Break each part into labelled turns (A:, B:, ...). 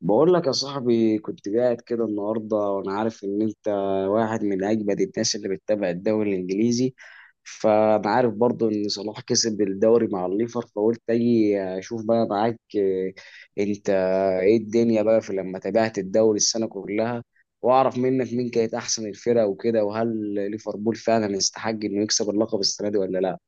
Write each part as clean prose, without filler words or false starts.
A: بقول لك يا صاحبي، كنت قاعد كده النهارده وانا عارف ان انت واحد من اجمد الناس اللي بتتابع الدوري الانجليزي. فانا عارف برضو ان صلاح كسب الدوري مع الليفر، فقلت اجي اشوف بقى معاك. انت ايه الدنيا بقى في لما تابعت الدوري السنه كلها، واعرف منك مين كانت احسن الفرق وكده، وهل ليفربول فعلا يستحق انه يكسب اللقب السنه دي ولا لا.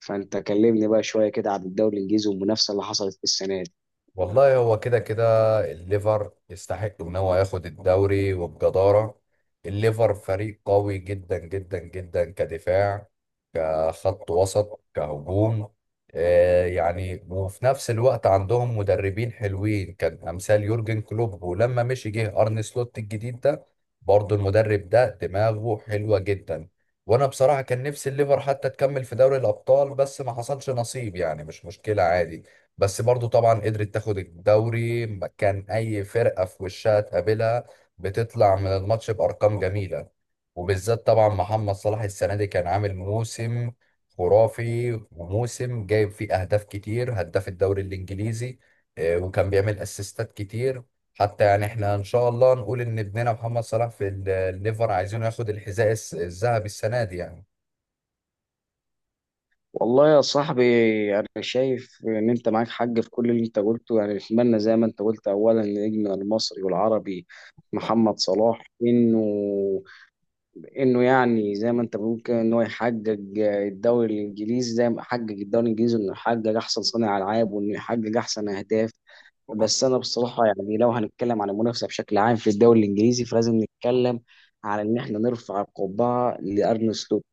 A: فانت كلمني بقى شويه كده عن الدوري الانجليزي والمنافسه اللي حصلت في السنه دي.
B: والله هو كده كده، الليفر يستحق ان هو ياخد الدوري وبجدارة. الليفر فريق قوي جدا جدا جدا كدفاع، كخط وسط، كهجوم. وفي نفس الوقت عندهم مدربين حلوين كان امثال يورجن كلوب، ولما مشي جه ارن سلوت الجديد ده برضه المدرب ده دماغه حلوة جدا. وانا بصراحة كان نفسي الليفر حتى تكمل في دوري الابطال، بس ما حصلش نصيب، يعني مش مشكلة عادي. بس برضو طبعا قدرت تاخد الدوري، ما كان اي فرقة في وشها تقابلها بتطلع من الماتش بارقام جميلة. وبالذات طبعا محمد صلاح السنة دي كان عامل موسم خرافي، وموسم جايب فيه اهداف كتير، هداف الدوري الانجليزي. وكان بيعمل اسيستات كتير. حتى يعني احنا ان شاء الله نقول ان ابننا محمد صلاح في الليفر عايزينه ياخد الحذاء الذهبي السنة دي يعني.
A: والله يا صاحبي، أنا شايف إن أنت معاك حق في كل اللي أنت قلته. يعني نتمنى زي ما أنت قلت أولا نجمنا المصري والعربي محمد صلاح إنه يعني زي ما أنت بتقول كده إن هو يحقق الدوري الإنجليزي زي ما حقق الدوري الإنجليزي، إنه يحقق أحسن صانع ألعاب وإنه يحقق أحسن أهداف. بس انا بصراحه يعني لو هنتكلم عن المنافسه بشكل عام في الدوري الانجليزي، فلازم نتكلم على ان احنا نرفع القبعه لارن سلوت.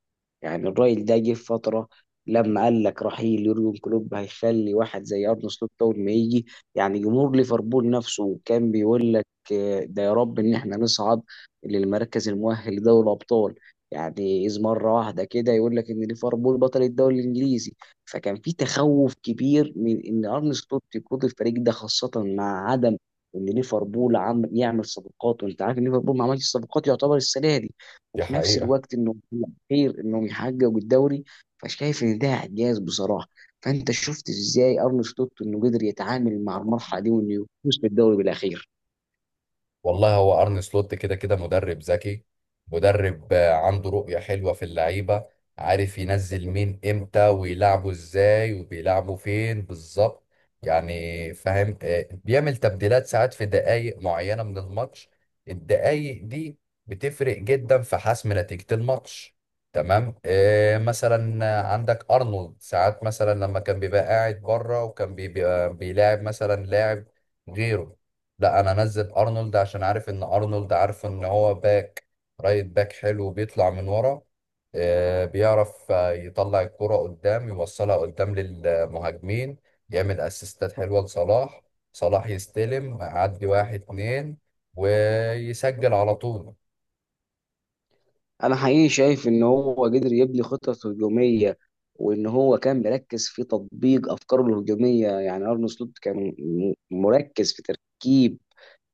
A: يعني الراجل ده جه في فتره لما قال لك رحيل يورجن كلوب هيخلي واحد زي ارن سلوت اول ما يجي، يعني جمهور ليفربول نفسه كان بيقول لك ده يا رب ان احنا نصعد للمركز المؤهل لدوري الابطال، يعني اذ مره واحده كده يقول لك ان ليفربول بطل الدوري الانجليزي. فكان في تخوف كبير من ان ارن سلوت يقود الفريق ده، خاصه مع عدم ان ليفربول عم يعمل صفقات، وانت عارف ان ليفربول ما عملش صفقات يعتبر السنه دي.
B: دي
A: وفي نفس
B: حقيقة.
A: الوقت انه خير انهم يحققوا الدوري، فشايف ان ده اعجاز بصراحه. فانت شفت ازاي ارن سلوت انه قدر يتعامل مع المرحله دي وانه يفوز بالدوري بالاخير.
B: والله هو ارن سلوت كده كده مدرب ذكي، مدرب عنده رؤية حلوة في اللعيبة، عارف ينزل مين امتى ويلعبوا ازاي وبيلعبوا فين بالظبط، يعني فاهم. بيعمل تبديلات ساعات في دقائق معينة من الماتش، الدقائق دي بتفرق جدا في حسم نتيجة الماتش. تمام. مثلا عندك ارنولد، ساعات مثلا لما كان بيبقى قاعد بره وكان بيبقى بيلاعب مثلا لاعب غيره، لا انا انزل ارنولد عشان عارف ان ارنولد عارف ان هو باك، رايت باك حلو بيطلع من ورا، بيعرف يطلع الكرة قدام، يوصلها قدام للمهاجمين، يعمل اسيستات حلوة لصلاح، صلاح يستلم يعدي واحد اتنين ويسجل على طول.
A: انا حقيقي شايف ان هو قدر يبني خطط هجوميه وان هو كان مركز في تطبيق افكاره الهجوميه. يعني ارن سلوت كان مركز في تركيب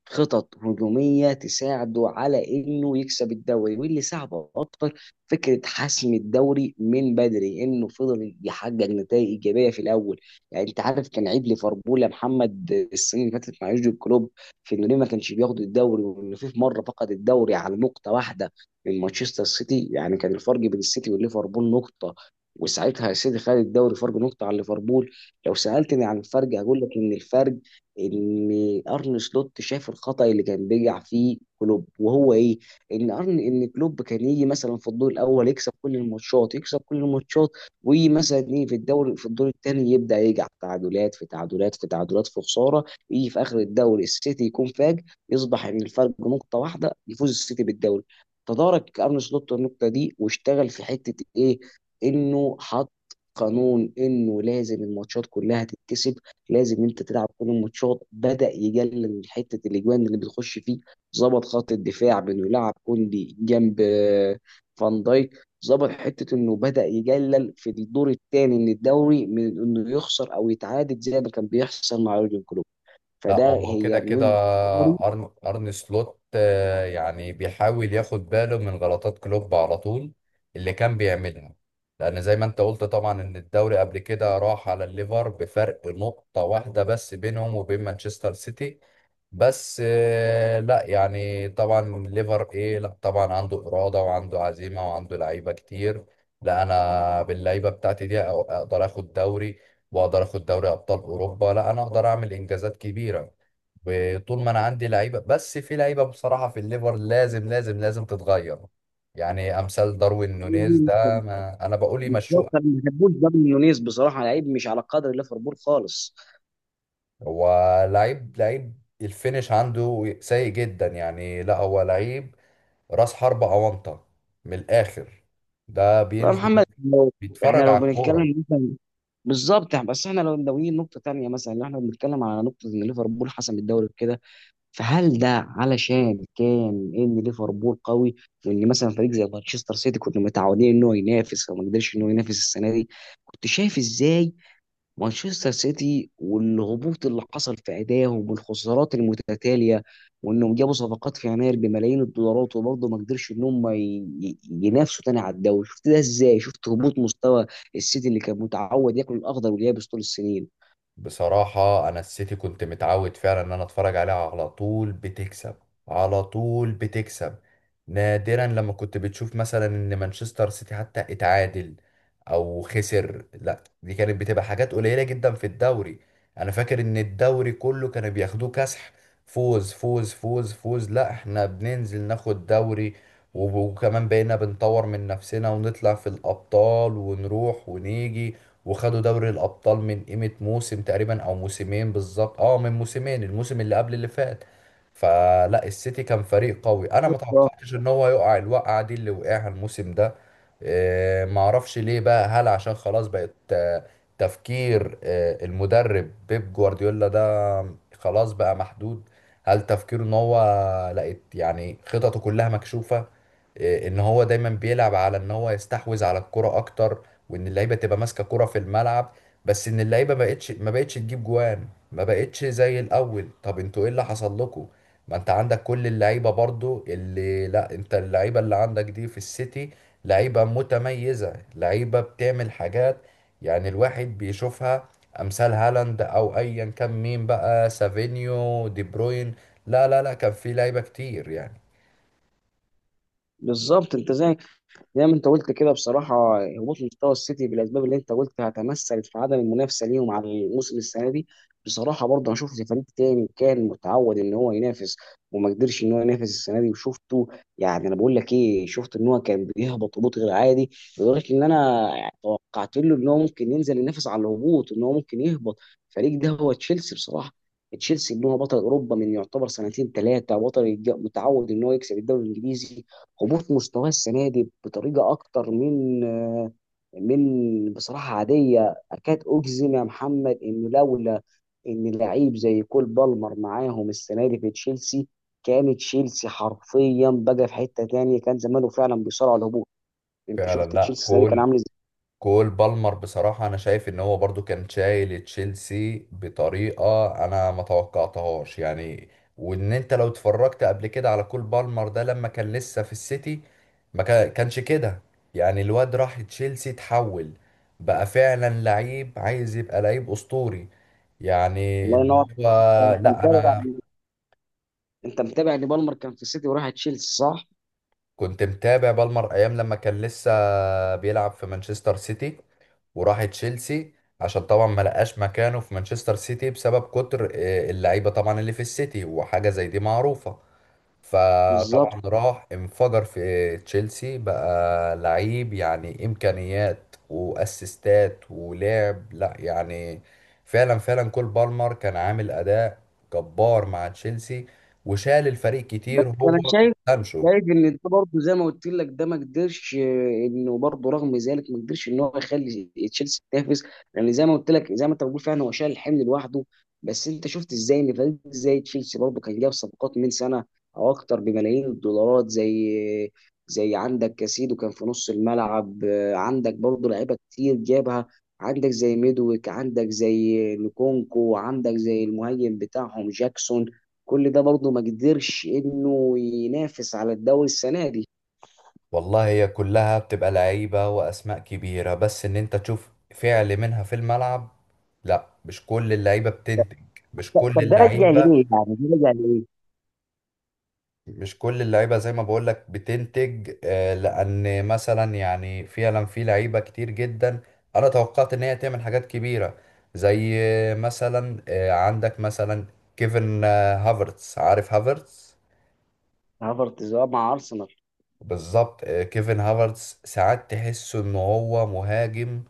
A: خطط هجومية تساعده على انه يكسب الدوري، واللي ساعده اكتر فكرة حسم الدوري من بدري انه فضل يحقق نتائج ايجابية في الاول. يعني انت عارف كان عيب ليفربول يا محمد السنة اللي فاتت مع يورجن كلوب في انه ليه ما كانش بياخد الدوري، وانه في مرة فقد الدوري على نقطة واحدة من مانشستر سيتي. يعني كان الفرق بين السيتي وليفربول نقطة، وساعتها السيتي خد الدوري فرق نقطة عن ليفربول. لو سألتني عن الفرق، هقول لك إن الفرق ان ارن سلوت شاف الخطأ اللي كان بيقع فيه كلوب وهو ايه. ان كلوب كان يجي مثلا في الدور الاول يكسب كل الماتشات يكسب كل الماتشات، ويجي مثلا ايه في الدوري في الدور الثاني يبدا يقع في تعادلات في تعادلات في تعادلات في خساره، يجي في اخر الدوري السيتي يكون فاج، يصبح ان الفرق نقطه واحده يفوز السيتي بالدوري. تدارك ارن سلوت النقطه دي واشتغل في حته ايه، انه حط قانون انه لازم الماتشات كلها تتكسب، لازم انت تلعب كل الماتشات، بدا يقلل من حته الاجوان اللي بتخش فيه. ظبط خط الدفاع بانه يلعب كوندي جنب فان دايك، ظبط حته انه بدا يقلل في الدور الثاني من الدوري من انه يخسر او يتعادل زي ما كان بيحصل مع يورجن كلوب.
B: لا
A: فده
B: هو كده
A: هي من
B: كده،
A: وجهه نظري.
B: أرن سلوت يعني بيحاول ياخد باله من غلطات كلوب على طول اللي كان بيعملها. لأن زي ما أنت قلت طبعا إن الدوري قبل كده راح على الليفر بفرق نقطة واحدة بس بينهم وبين مانشستر سيتي. بس لا يعني طبعا الليفر إيه، لا طبعا عنده إرادة وعنده عزيمة وعنده لعيبة كتير، لا أنا باللعيبة بتاعتي دي أقدر آخد دوري واقدر اخد دوري ابطال اوروبا، لا انا اقدر اعمل انجازات كبيره وطول ما انا عندي لعيبه. بس في لعيبه بصراحه في الليفر لازم لازم لازم تتغير، يعني امثال داروين نونيز ده ما انا بقول
A: بالظبط، انا
B: يمشوه.
A: ما بحبوش داروين نونيز بصراحه، لعيب مش على قدر ليفربول خالص.
B: هو لعيب، لعيب الفينش عنده سيء جدا، يعني لا هو لعيب راس حربة اونطه من الاخر، ده
A: طب يا
B: بينزل
A: محمد لو احنا
B: بيتفرج
A: لو
B: على الكوره.
A: بنتكلم بالظبط يعني، بس احنا لو ناويين نقطة تانية مثلا اللي احنا بنتكلم على نقطة ان ليفربول حسم الدوري كده، فهل ده علشان كان ان ليفربول قوي، وان مثلا فريق زي مانشستر سيتي كنا متعودين ان هو ينافس فما قدرش ان هو ينافس السنة دي؟ كنت شايف ازاي مانشستر سيتي والهبوط اللي حصل في ادائهم والخسارات المتتاليه، وانهم جابوا صفقات في يناير بملايين الدولارات وبرضه ما قدرش ان هم ينافسوا تاني على الدوري؟ شفت ده ازاي؟ شفت هبوط مستوى السيتي اللي كان متعود ياكل الاخضر واليابس طول السنين؟
B: بصراحة أنا السيتي كنت متعود فعلا إن أنا أتفرج عليها على طول بتكسب، على طول بتكسب. نادرا لما كنت بتشوف مثلا إن مانشستر سيتي حتى اتعادل أو خسر، لا دي كانت بتبقى حاجات قليلة جدا في الدوري. أنا فاكر إن الدوري كله كانوا بياخدوه كسح، فوز فوز فوز فوز، لا إحنا بننزل ناخد دوري وكمان بقينا بنطور من نفسنا ونطلع في الأبطال ونروح ونيجي وخدوا دوري الأبطال من قيمة موسم تقريبا أو موسمين بالظبط، اه من موسمين، الموسم اللي قبل اللي فات. فلا السيتي كان فريق قوي، أنا ما
A: آه.
B: توقعتش إن هو يقع الوقعة دي اللي وقعها الموسم ده. ما اعرفش ليه بقى، هل عشان خلاص بقت تفكير المدرب بيب جوارديولا ده خلاص بقى محدود؟ هل تفكيره ان هو لقيت يعني خططه كلها مكشوفة؟ ان هو دايما بيلعب على ان هو يستحوذ على الكرة اكتر وان اللعيبه تبقى ماسكه كرة في الملعب، بس ان اللعيبه ما بقتش تجيب جوان، ما بقتش زي الاول. طب انتوا ايه اللي حصل لكم؟ ما انت عندك كل اللعيبه برضو اللي، لا انت اللعيبه اللي عندك دي في السيتي لعيبه متميزه، لعيبه بتعمل حاجات يعني الواحد بيشوفها، امثال هالاند او ايا كان مين بقى، سافينيو، دي بروين، لا لا لا كان في لعيبه كتير يعني.
A: بالظبط، انت زي ما انت قلت كده بصراحه، هبوط مستوى السيتي بالاسباب اللي انت قلتها تمثلت في عدم المنافسه ليهم على الموسم السنه دي. بصراحه برضه انا شفت فريق تاني كان متعود ان هو ينافس وما قدرش ان هو ينافس السنه دي وشفته، يعني انا بقول لك ايه، شفت ان هو كان بيهبط هبوط غير عادي لدرجه ان انا توقعت له ان هو ممكن ينزل ينافس على الهبوط، ان هو ممكن يهبط. الفريق ده هو تشيلسي بصراحه. تشيلسي ان هو بطل اوروبا من يعتبر سنتين ثلاثه، بطل متعود ان هو يكسب الدوري الانجليزي. هبوط مستواه السنه دي بطريقه اكتر من من بصراحه عاديه. اكاد اجزم يا محمد انه لولا ان لعيب زي كول بالمر معاهم السنه دي في تشيلسي، كان تشيلسي حرفيا بقى في حته تانية، كان زمانه فعلا بيصارع على الهبوط. انت
B: فعلا،
A: شفت
B: لا
A: تشيلسي السنه دي كان
B: كل
A: عامل ازاي؟
B: كول بالمر بصراحة أنا شايف إن هو برضو كان شايل تشيلسي بطريقة أنا ما توقعتهاش يعني. وإن أنت لو اتفرجت قبل كده على كول بالمر ده لما كان لسه في السيتي ما كا- كانش كده. يعني الواد راح تشيلسي اتحول، بقى فعلا لعيب عايز يبقى لعيب أسطوري، يعني
A: الله
B: اللي
A: ينور.
B: هو
A: انت
B: لا
A: متابع
B: أنا
A: انت متابع ان بالمر كان في السيتي وراح تشيلسي صح؟
B: كنت متابع بالمر أيام لما كان لسه بيلعب في مانشستر سيتي وراح تشيلسي عشان طبعا ما لقاش مكانه في مانشستر سيتي بسبب كتر اللعيبه طبعا اللي في السيتي، وحاجه زي دي معروفه.
A: بالظبط.
B: فطبعا راح انفجر في تشيلسي، بقى لعيب يعني امكانيات واسيستات ولعب، لا يعني فعلا فعلا كول بالمر كان عامل اداء جبار مع تشيلسي، وشال الفريق
A: بس
B: كتير هو
A: انا شايف
B: وسانشو.
A: شايف ان ده برضه زي ما قلت لك، ده ما قدرش انه برضه رغم ذلك ما قدرش ان هو يخلي تشيلسي تنافس، لان زي ما قلت لك زي ما انت بتقول فعلا هو شايل الحمل لوحده. بس انت شفت ازاي ان فريق زي تشيلسي برضه كان جاب صفقات من سنه او اكتر بملايين الدولارات، زي عندك كاسيدو كان في نص الملعب، عندك برضه لعيبه كتير جابها، عندك زي ميدويك، عندك زي نكونكو، عندك زي المهاجم بتاعهم جاكسون، كل ده برضه ما قدرش انه ينافس على الدوري السنه دي.
B: والله هي كلها بتبقى لعيبة وأسماء كبيرة، بس إن أنت تشوف فعل منها في الملعب، لا مش كل اللعيبة بتنتج، مش كل
A: طب ده راجع
B: اللعيبة.
A: لإيه؟ يعني ده راجع لإيه؟
B: مش كل اللعيبة زي ما بقولك بتنتج، لأن مثلا يعني فعلا في لعيبة كتير جدا أنا توقعت إن هي تعمل حاجات كبيرة، زي مثلا، عندك مثلا كيفن هافرتس، عارف هافرتس؟
A: هافرتز اه مع ارسنال.
B: بالظبط. كيفن هافرتس ساعات تحسه إن هو مهاجم،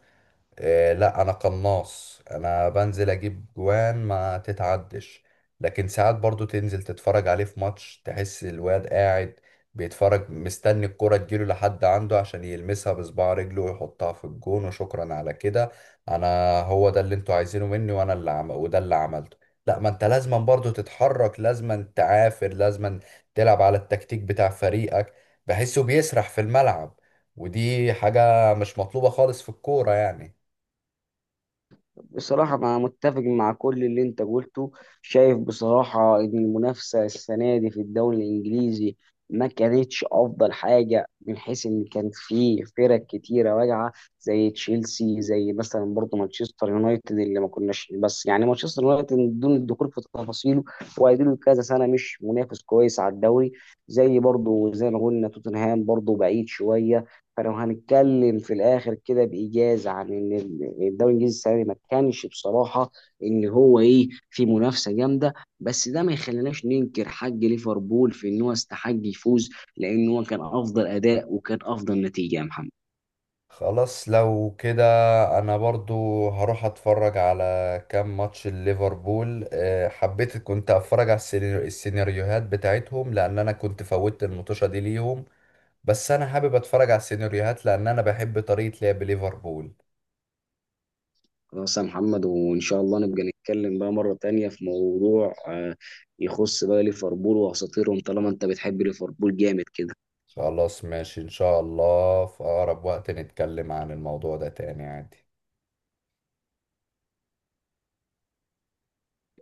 B: لا انا قناص انا بنزل اجيب جوان ما تتعدش. لكن ساعات برضو تنزل تتفرج عليه في ماتش تحس الواد قاعد بيتفرج مستني الكرة تجيله لحد عنده عشان يلمسها بصباع رجله ويحطها في الجون وشكرا على كده. انا هو ده اللي انتوا عايزينه مني وانا اللي عم... وده اللي عملته، لا ما انت لازما برضو تتحرك، لازما تعافر، لازما تلعب على التكتيك بتاع فريقك. بحسه بيسرح في الملعب، ودي حاجة مش مطلوبة خالص في الكورة يعني.
A: بصراحة أنا متفق مع كل اللي أنت قلته. شايف بصراحة إن المنافسة السنة دي في الدوري الإنجليزي ما كانتش أفضل حاجة، من حيث إن كان في فرق كتيرة واجعة زي تشيلسي، زي مثلا برضه مانشستر يونايتد اللي ما كناش، بس يعني مانشستر يونايتد بدون الدخول في تفاصيله وقاعدين كذا سنة مش منافس كويس على الدوري، زي برضه زي ما قلنا توتنهام برضه بعيد شوية. فلو هنتكلم في الاخر كده بايجاز عن ان الدوري الانجليزي السنه دي ما كانش بصراحه ان هو ايه في منافسه جامده. بس ده ما يخليناش ننكر حق ليفربول في ان هو استحق يفوز، لان هو كان افضل اداء وكان افضل نتيجه يا محمد.
B: خلاص لو كده انا برضو هروح اتفرج على كام ماتش ليفربول، حبيت كنت اتفرج على السيناريوهات بتاعتهم لان انا كنت فوتت المطوشة دي ليهم، بس انا حابب اتفرج على السيناريوهات لان انا بحب طريقة لعب ليفربول.
A: خلاص يا محمد، وان شاء الله نبقى نتكلم بقى مره تانية في موضوع يخص بقى ليفربول واساطيرهم، طالما انت بتحب ليفربول جامد كده.
B: خلاص ماشي، ان شاء الله في اقرب وقت نتكلم عن الموضوع ده تاني عادي.